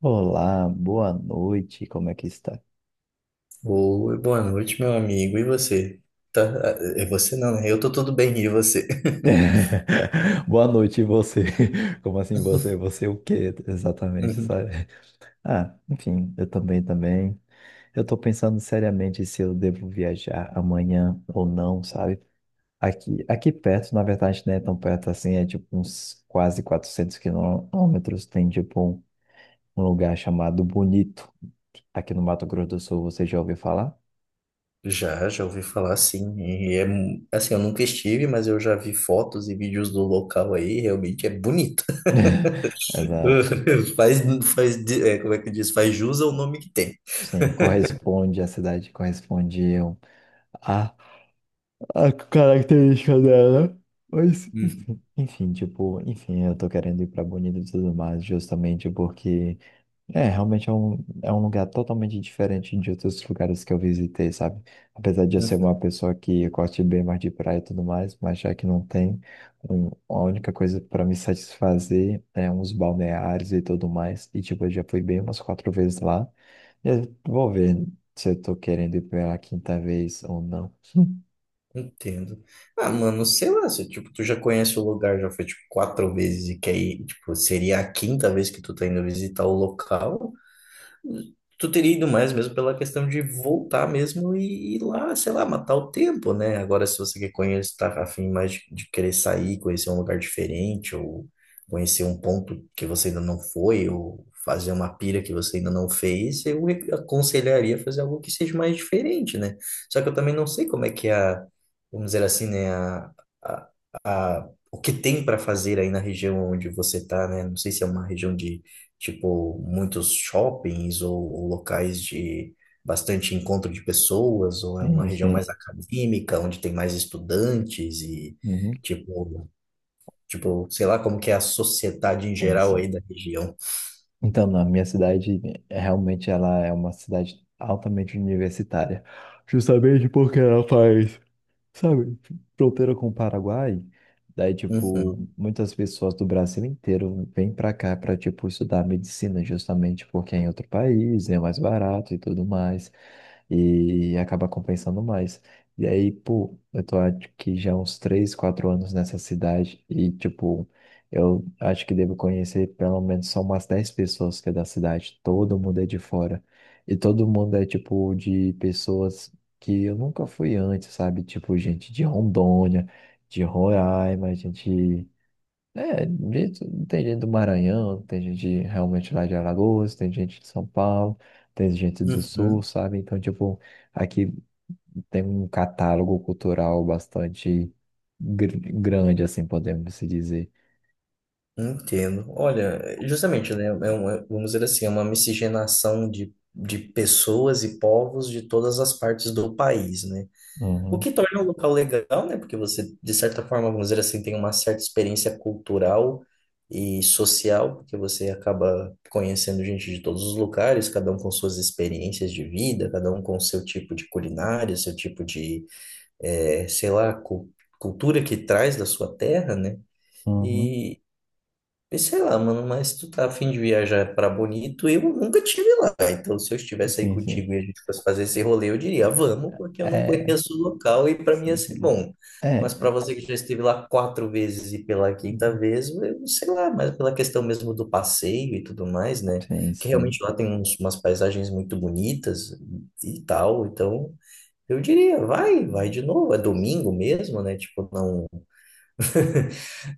Olá, boa noite, como é que está? Oi, boa noite, meu amigo. E você? Tá, é você não, né? Eu tô tudo bem, e você? Boa noite, e você? Como assim você? Você o quê exatamente, Uhum. sabe? Ah, enfim, eu também, também. Eu tô pensando seriamente se eu devo viajar amanhã ou não, sabe? Aqui perto, na verdade, não é tão perto assim, é tipo uns quase 400 km. Tem tipo um lugar chamado Bonito, aqui no Mato Grosso do Sul. Você já ouviu falar? Já ouvi falar sim. E é assim, eu nunca estive, mas eu já vi fotos e vídeos do local aí, realmente é bonito. Exato. Faz, faz, como é que diz? Faz jus ao nome que tem. Sim, corresponde. A cidade corresponde a, a a característica dela. Mas, Uhum. enfim, tipo, enfim, eu tô querendo ir pra Bonito e tudo mais, justamente porque, é, realmente é um lugar totalmente diferente de outros lugares que eu visitei, sabe? Apesar de eu ser Uhum. uma pessoa que gosta bem mais de praia e tudo mais, mas já que não tem, a única coisa pra me satisfazer é uns balneários e tudo mais. E, tipo, eu já fui bem umas quatro vezes lá. Eu vou ver se eu tô querendo ir pela quinta vez ou não. Entendo. Ah, mano, sei lá, se, tipo, tu já conhece o lugar, já foi tipo quatro vezes e quer ir, tipo, seria a quinta vez que tu tá indo visitar o local. Tu teria ido mais mesmo pela questão de voltar mesmo e ir lá, sei lá, matar o tempo, né? Agora, se você quer conhecer, tá afim mais de querer sair, conhecer um lugar diferente, ou conhecer um ponto que você ainda não foi, ou fazer uma pira que você ainda não fez, aconselharia fazer algo que seja mais diferente, né? Só que eu também não sei como é que é vamos dizer assim, né, a, o que tem para fazer aí na região onde você tá, né? Não sei se é uma região de tipo muitos shoppings ou locais de bastante encontro de pessoas, ou é uma Sim, isso. região mais acadêmica, onde tem mais estudantes e Uhum. tipo, tipo, sei lá como que é a sociedade em São geral sim. aí da região. Então, na minha cidade, realmente ela é uma cidade altamente universitária. Justamente porque ela faz, sabe, fronteira com o Paraguai. Daí, tipo, Uhum, muitas pessoas do Brasil inteiro vêm para cá para, tipo, estudar medicina, justamente porque é em outro país, é mais barato e tudo mais, e acaba compensando mais. E aí, pô, eu tô acho que já há uns 3 4 anos nessa cidade e, tipo, eu acho que devo conhecer pelo menos só umas 10 pessoas que é da cidade. Todo mundo é de fora. E todo mundo é tipo de pessoas que eu nunca fui antes, sabe? Tipo, gente de Rondônia, de Roraima, gente. É, de- Tem gente do Maranhão, tem gente realmente lá de Alagoas, tem gente de São Paulo, tem gente do Sul, uhum, sabe? Então, tipo, aqui tem um catálogo cultural bastante grande, assim, podemos se dizer. entendo. Olha, justamente, né, vamos dizer assim, é uma miscigenação de pessoas e povos de todas as partes do país, né? O Uhum, que torna o local legal, né? Porque você, de certa forma, vamos dizer assim, tem uma certa experiência cultural e social, porque você acaba conhecendo gente de todos os lugares, cada um com suas experiências de vida, cada um com seu tipo de culinária, seu tipo de, sei lá, cultura que traz da sua terra, né? uhum. E e sei lá, mano, mas tu tá a fim de viajar pra Bonito, eu nunca tive lá. Então, se eu estivesse aí Sim, contigo sim. e a gente fosse fazer esse rolê, eu diria, vamos, porque eu não É, conheço o local e pra mim ia sim, ser sim. bom. Mas É, pra é, você que já esteve lá quatro vezes e pela quinta uhum, vez, eu sei lá, mas pela questão mesmo do passeio e tudo mais, né? sim, Que realmente sim. lá tem umas paisagens muito bonitas e tal, então eu diria, vai de novo, é domingo mesmo, né? Tipo, não.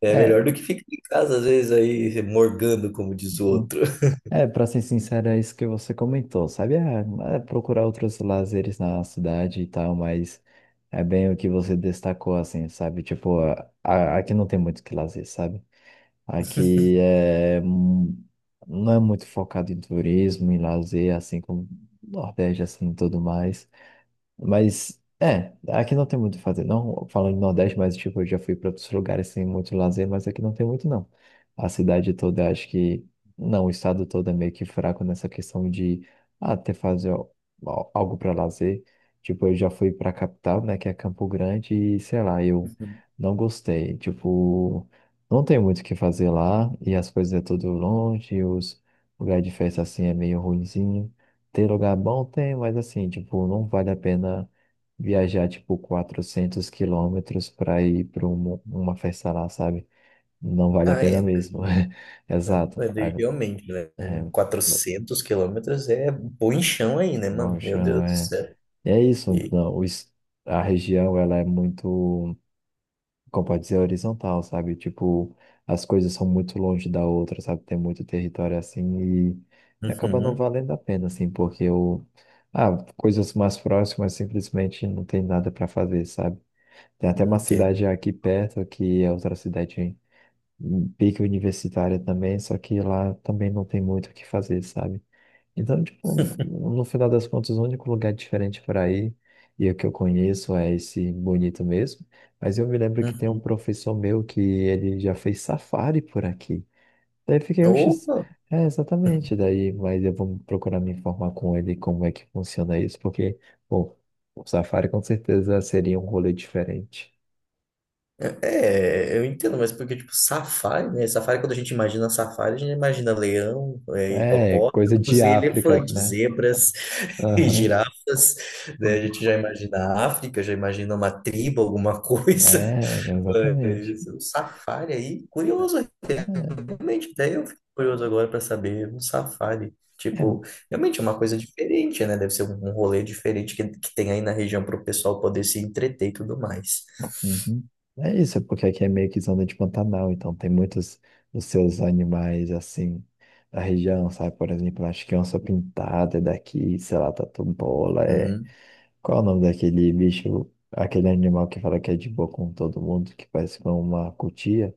É melhor É. do que ficar em casa, às vezes, aí morgando, como diz o outro. É, pra ser sincero, é isso que você comentou, sabe? É, é procurar outros lazeres na cidade e tal, mas é bem o que você destacou, assim, sabe? Tipo, aqui não tem muito o que lazer, sabe? Aqui é, não é muito focado em turismo, em lazer, assim como Nordeste, assim, e tudo mais. Mas, é, aqui não tem muito o que fazer. Não falando do Nordeste, mas, tipo, eu já fui para outros lugares sem muito lazer, mas aqui não tem muito, não. A cidade toda, acho que. Não, o estado todo é meio que fraco nessa questão de até fazer algo para lazer. Tipo, eu já fui para a capital, né, que é Campo Grande, e sei lá, eu Uhum. não gostei. Tipo, não tem muito o que fazer lá, e as coisas é tudo longe, os lugares de festa assim é meio ruinzinho. Tem lugar bom? Tem, mas assim, tipo, não vale a pena viajar, tipo, 400 km para ir para uma festa lá, sabe? Não vale a Ah, pena é. mesmo. Exato. Mas daí, Aí, realmente, né? é, 400 quilômetros é bom em chão aí, né, bom mano? Meu chão, Deus do é. céu. E é isso. E- Não, a região, ela é muito, como pode dizer, horizontal, sabe? Tipo, as coisas são muito longe da outra, sabe? Tem muito território assim e acaba não Uhum, valendo a pena, assim, porque eu. Ah, coisas mais próximas simplesmente não tem nada para fazer, sabe? Tem até uma entendo. cidade aqui perto, que é outra cidade em pique universitária também, só que lá também não tem muito o que fazer, sabe? Então, tipo, no final das contas, o único lugar diferente para ir e o que eu conheço é esse bonito mesmo. Mas eu me lembro que tem um Uhum. professor meu que ele já fez safari por aqui. Daí eu fiquei, oxe, Opa! é exatamente. Daí, mas eu vou procurar me informar com ele como é que funciona isso, porque, pô, o safari com certeza seria um rolê diferente. Eu entendo, mas porque, tipo, safari, né? Safari, quando a gente imagina safari, a gente imagina leão, é, É, coisa de hipopótamos e África, elefantes, né? zebras e Aham. girafas, né? A gente já imagina a África, já imagina uma tribo, alguma coisa. É, exatamente. Mas é um safari aí, curioso, É, realmente, até eu fico curioso agora para saber, um safari, é, tipo, realmente é uma coisa diferente, né? Deve ser um rolê diferente que tem aí na região para o pessoal poder se entreter e tudo mais. uhum. É isso, é porque aqui é meio que zona de Pantanal, então tem muitos dos seus animais assim da região, sabe? Por exemplo, acho que onça pintada é daqui, sei lá, tatu-bola, é. Hum. Qual é o nome daquele bicho, aquele animal que fala que é de boa com todo mundo, que parece com uma cutia?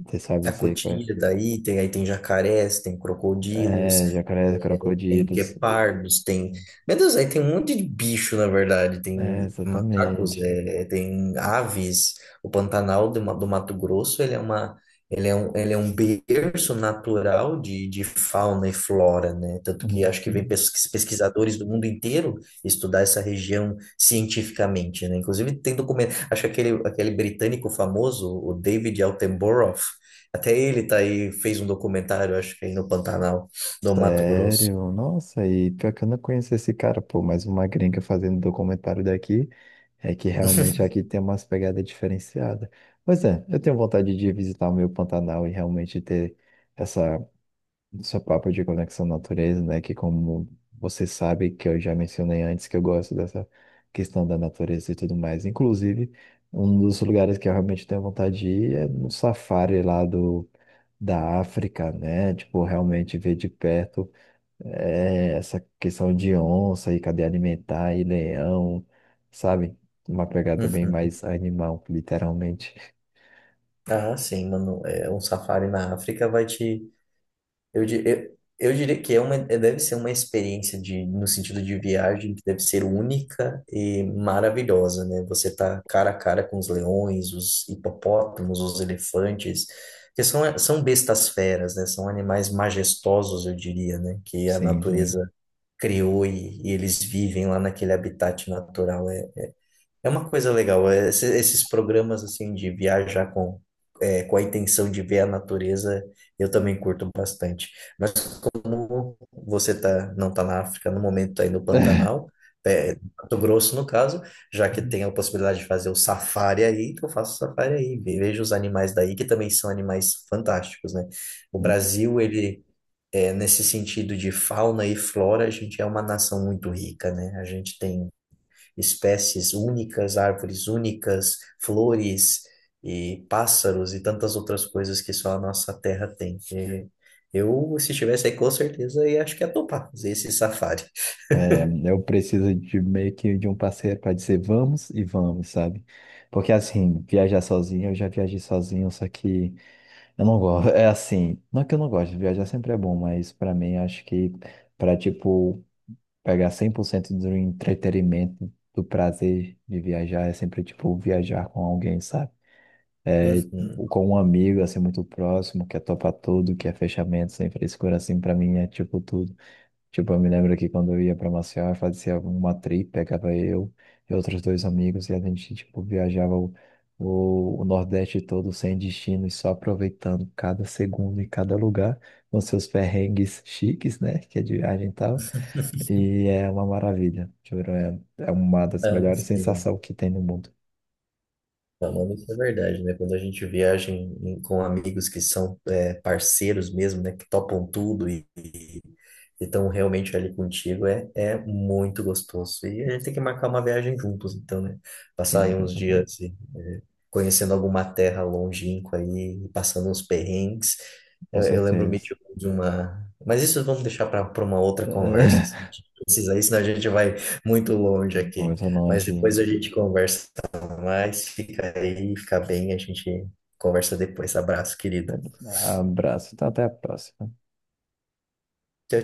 Você sabe A dizer qual é? cotia daí tem, aí tem jacarés, tem crocodilos, É, jacarés, é, tem crocodilos. guepardos, tem. Meu Deus, aí tem um monte de bicho, na verdade. É, Tem macacos, exatamente. é, tem aves. O Pantanal do Mato Grosso, ele é uma, ele é um berço natural de fauna e flora, né? Tanto que Uhum. acho que vem pesquisadores do mundo inteiro estudar essa região cientificamente, né? Inclusive tem documento, acho que aquele, aquele britânico famoso, o David Attenborough, até ele tá aí, fez um documentário, acho que aí no Pantanal do Mato Grosso. Sério? Nossa, e pior que eu não conheço esse cara, pô, mas uma gringa fazendo documentário daqui é que realmente aqui tem umas pegadas diferenciadas. Pois é, eu tenho vontade de visitar o meu Pantanal e realmente ter essa, essa papo de conexão à natureza, né? Que como você sabe, que eu já mencionei antes, que eu gosto dessa questão da natureza e tudo mais. Inclusive, um dos lugares que eu realmente tenho vontade de ir é no safári lá da África, né? Tipo, realmente ver de perto é, essa questão de onça e cadeia alimentar e leão, sabe? Uma pegada bem Uhum. mais animal, literalmente. Ah, sim, mano. É, um safari na África vai te. Eu diria que é uma, deve ser uma experiência de, no sentido de viagem que deve ser única e maravilhosa, né? Você tá cara a cara com os leões, os hipopótamos, os elefantes, que são, são bestas feras, né? São animais majestosos, eu diria, né? Que a Sim, sim. natureza criou e eles vivem lá naquele habitat natural. É uma coisa legal, é, esses programas assim de viajar com, é, com a intenção de ver a natureza, eu também curto bastante. Mas como você tá, não está na África no momento, está aí no Pantanal, é, Mato Grosso no caso, já que tem a possibilidade de fazer o safari aí, então eu faço o safari aí, vejo os animais daí, que também são animais fantásticos, né? O Brasil, ele... É, nesse sentido de fauna e flora, a gente é uma nação muito rica, né? A gente tem espécies únicas, árvores únicas, flores e pássaros e tantas outras coisas que só a nossa terra tem. E eu, se estivesse aí, com certeza, ia, acho que ia topar fazer esse safari. É, eu preciso de meio que de um parceiro para dizer vamos e vamos, sabe? Porque assim, viajar sozinho, eu já viajei sozinho, só que eu não gosto. É assim, não é que eu não gosto, viajar sempre é bom, mas para mim acho que para tipo pegar 100% do entretenimento, do prazer de viajar, é sempre, tipo, viajar com alguém, sabe? É, Uhum. com um amigo, assim, muito próximo, que é topa tudo, que é fechamento, sem frescura, assim, pra mim é, tipo, tudo. Tipo, eu me lembro que quando eu ia pra Maceió, eu fazia uma trip, pegava eu e outros dois amigos, e a gente, tipo, viajava o Nordeste todo, sem destino, e só aproveitando cada segundo e cada lugar, com seus perrengues chiques, né, que a gente tava e é uma maravilha, juro. É, é uma das Ah, melhores sensações sim. que tem no mundo. Não, mano, isso é verdade, né? Quando a gente viaja com amigos que são é, parceiros mesmo, né? Que topam tudo e estão realmente ali contigo, é, é muito gostoso. E a gente tem que marcar uma viagem juntos, então, né? Passar Sim, aí com uns dias certeza. assim, é, conhecendo alguma terra longínqua aí, passando uns perrengues. Com Eu lembro-me certeza. de uma... Mas isso vamos deixar para uma outra conversa, que se a gente precisar, aí, senão a gente vai muito longe aqui. Muito Mas longe. depois a gente conversa mas fica aí, fica bem, a gente conversa depois. Abraço, querido. Abraço. Então, até a próxima. Tchau,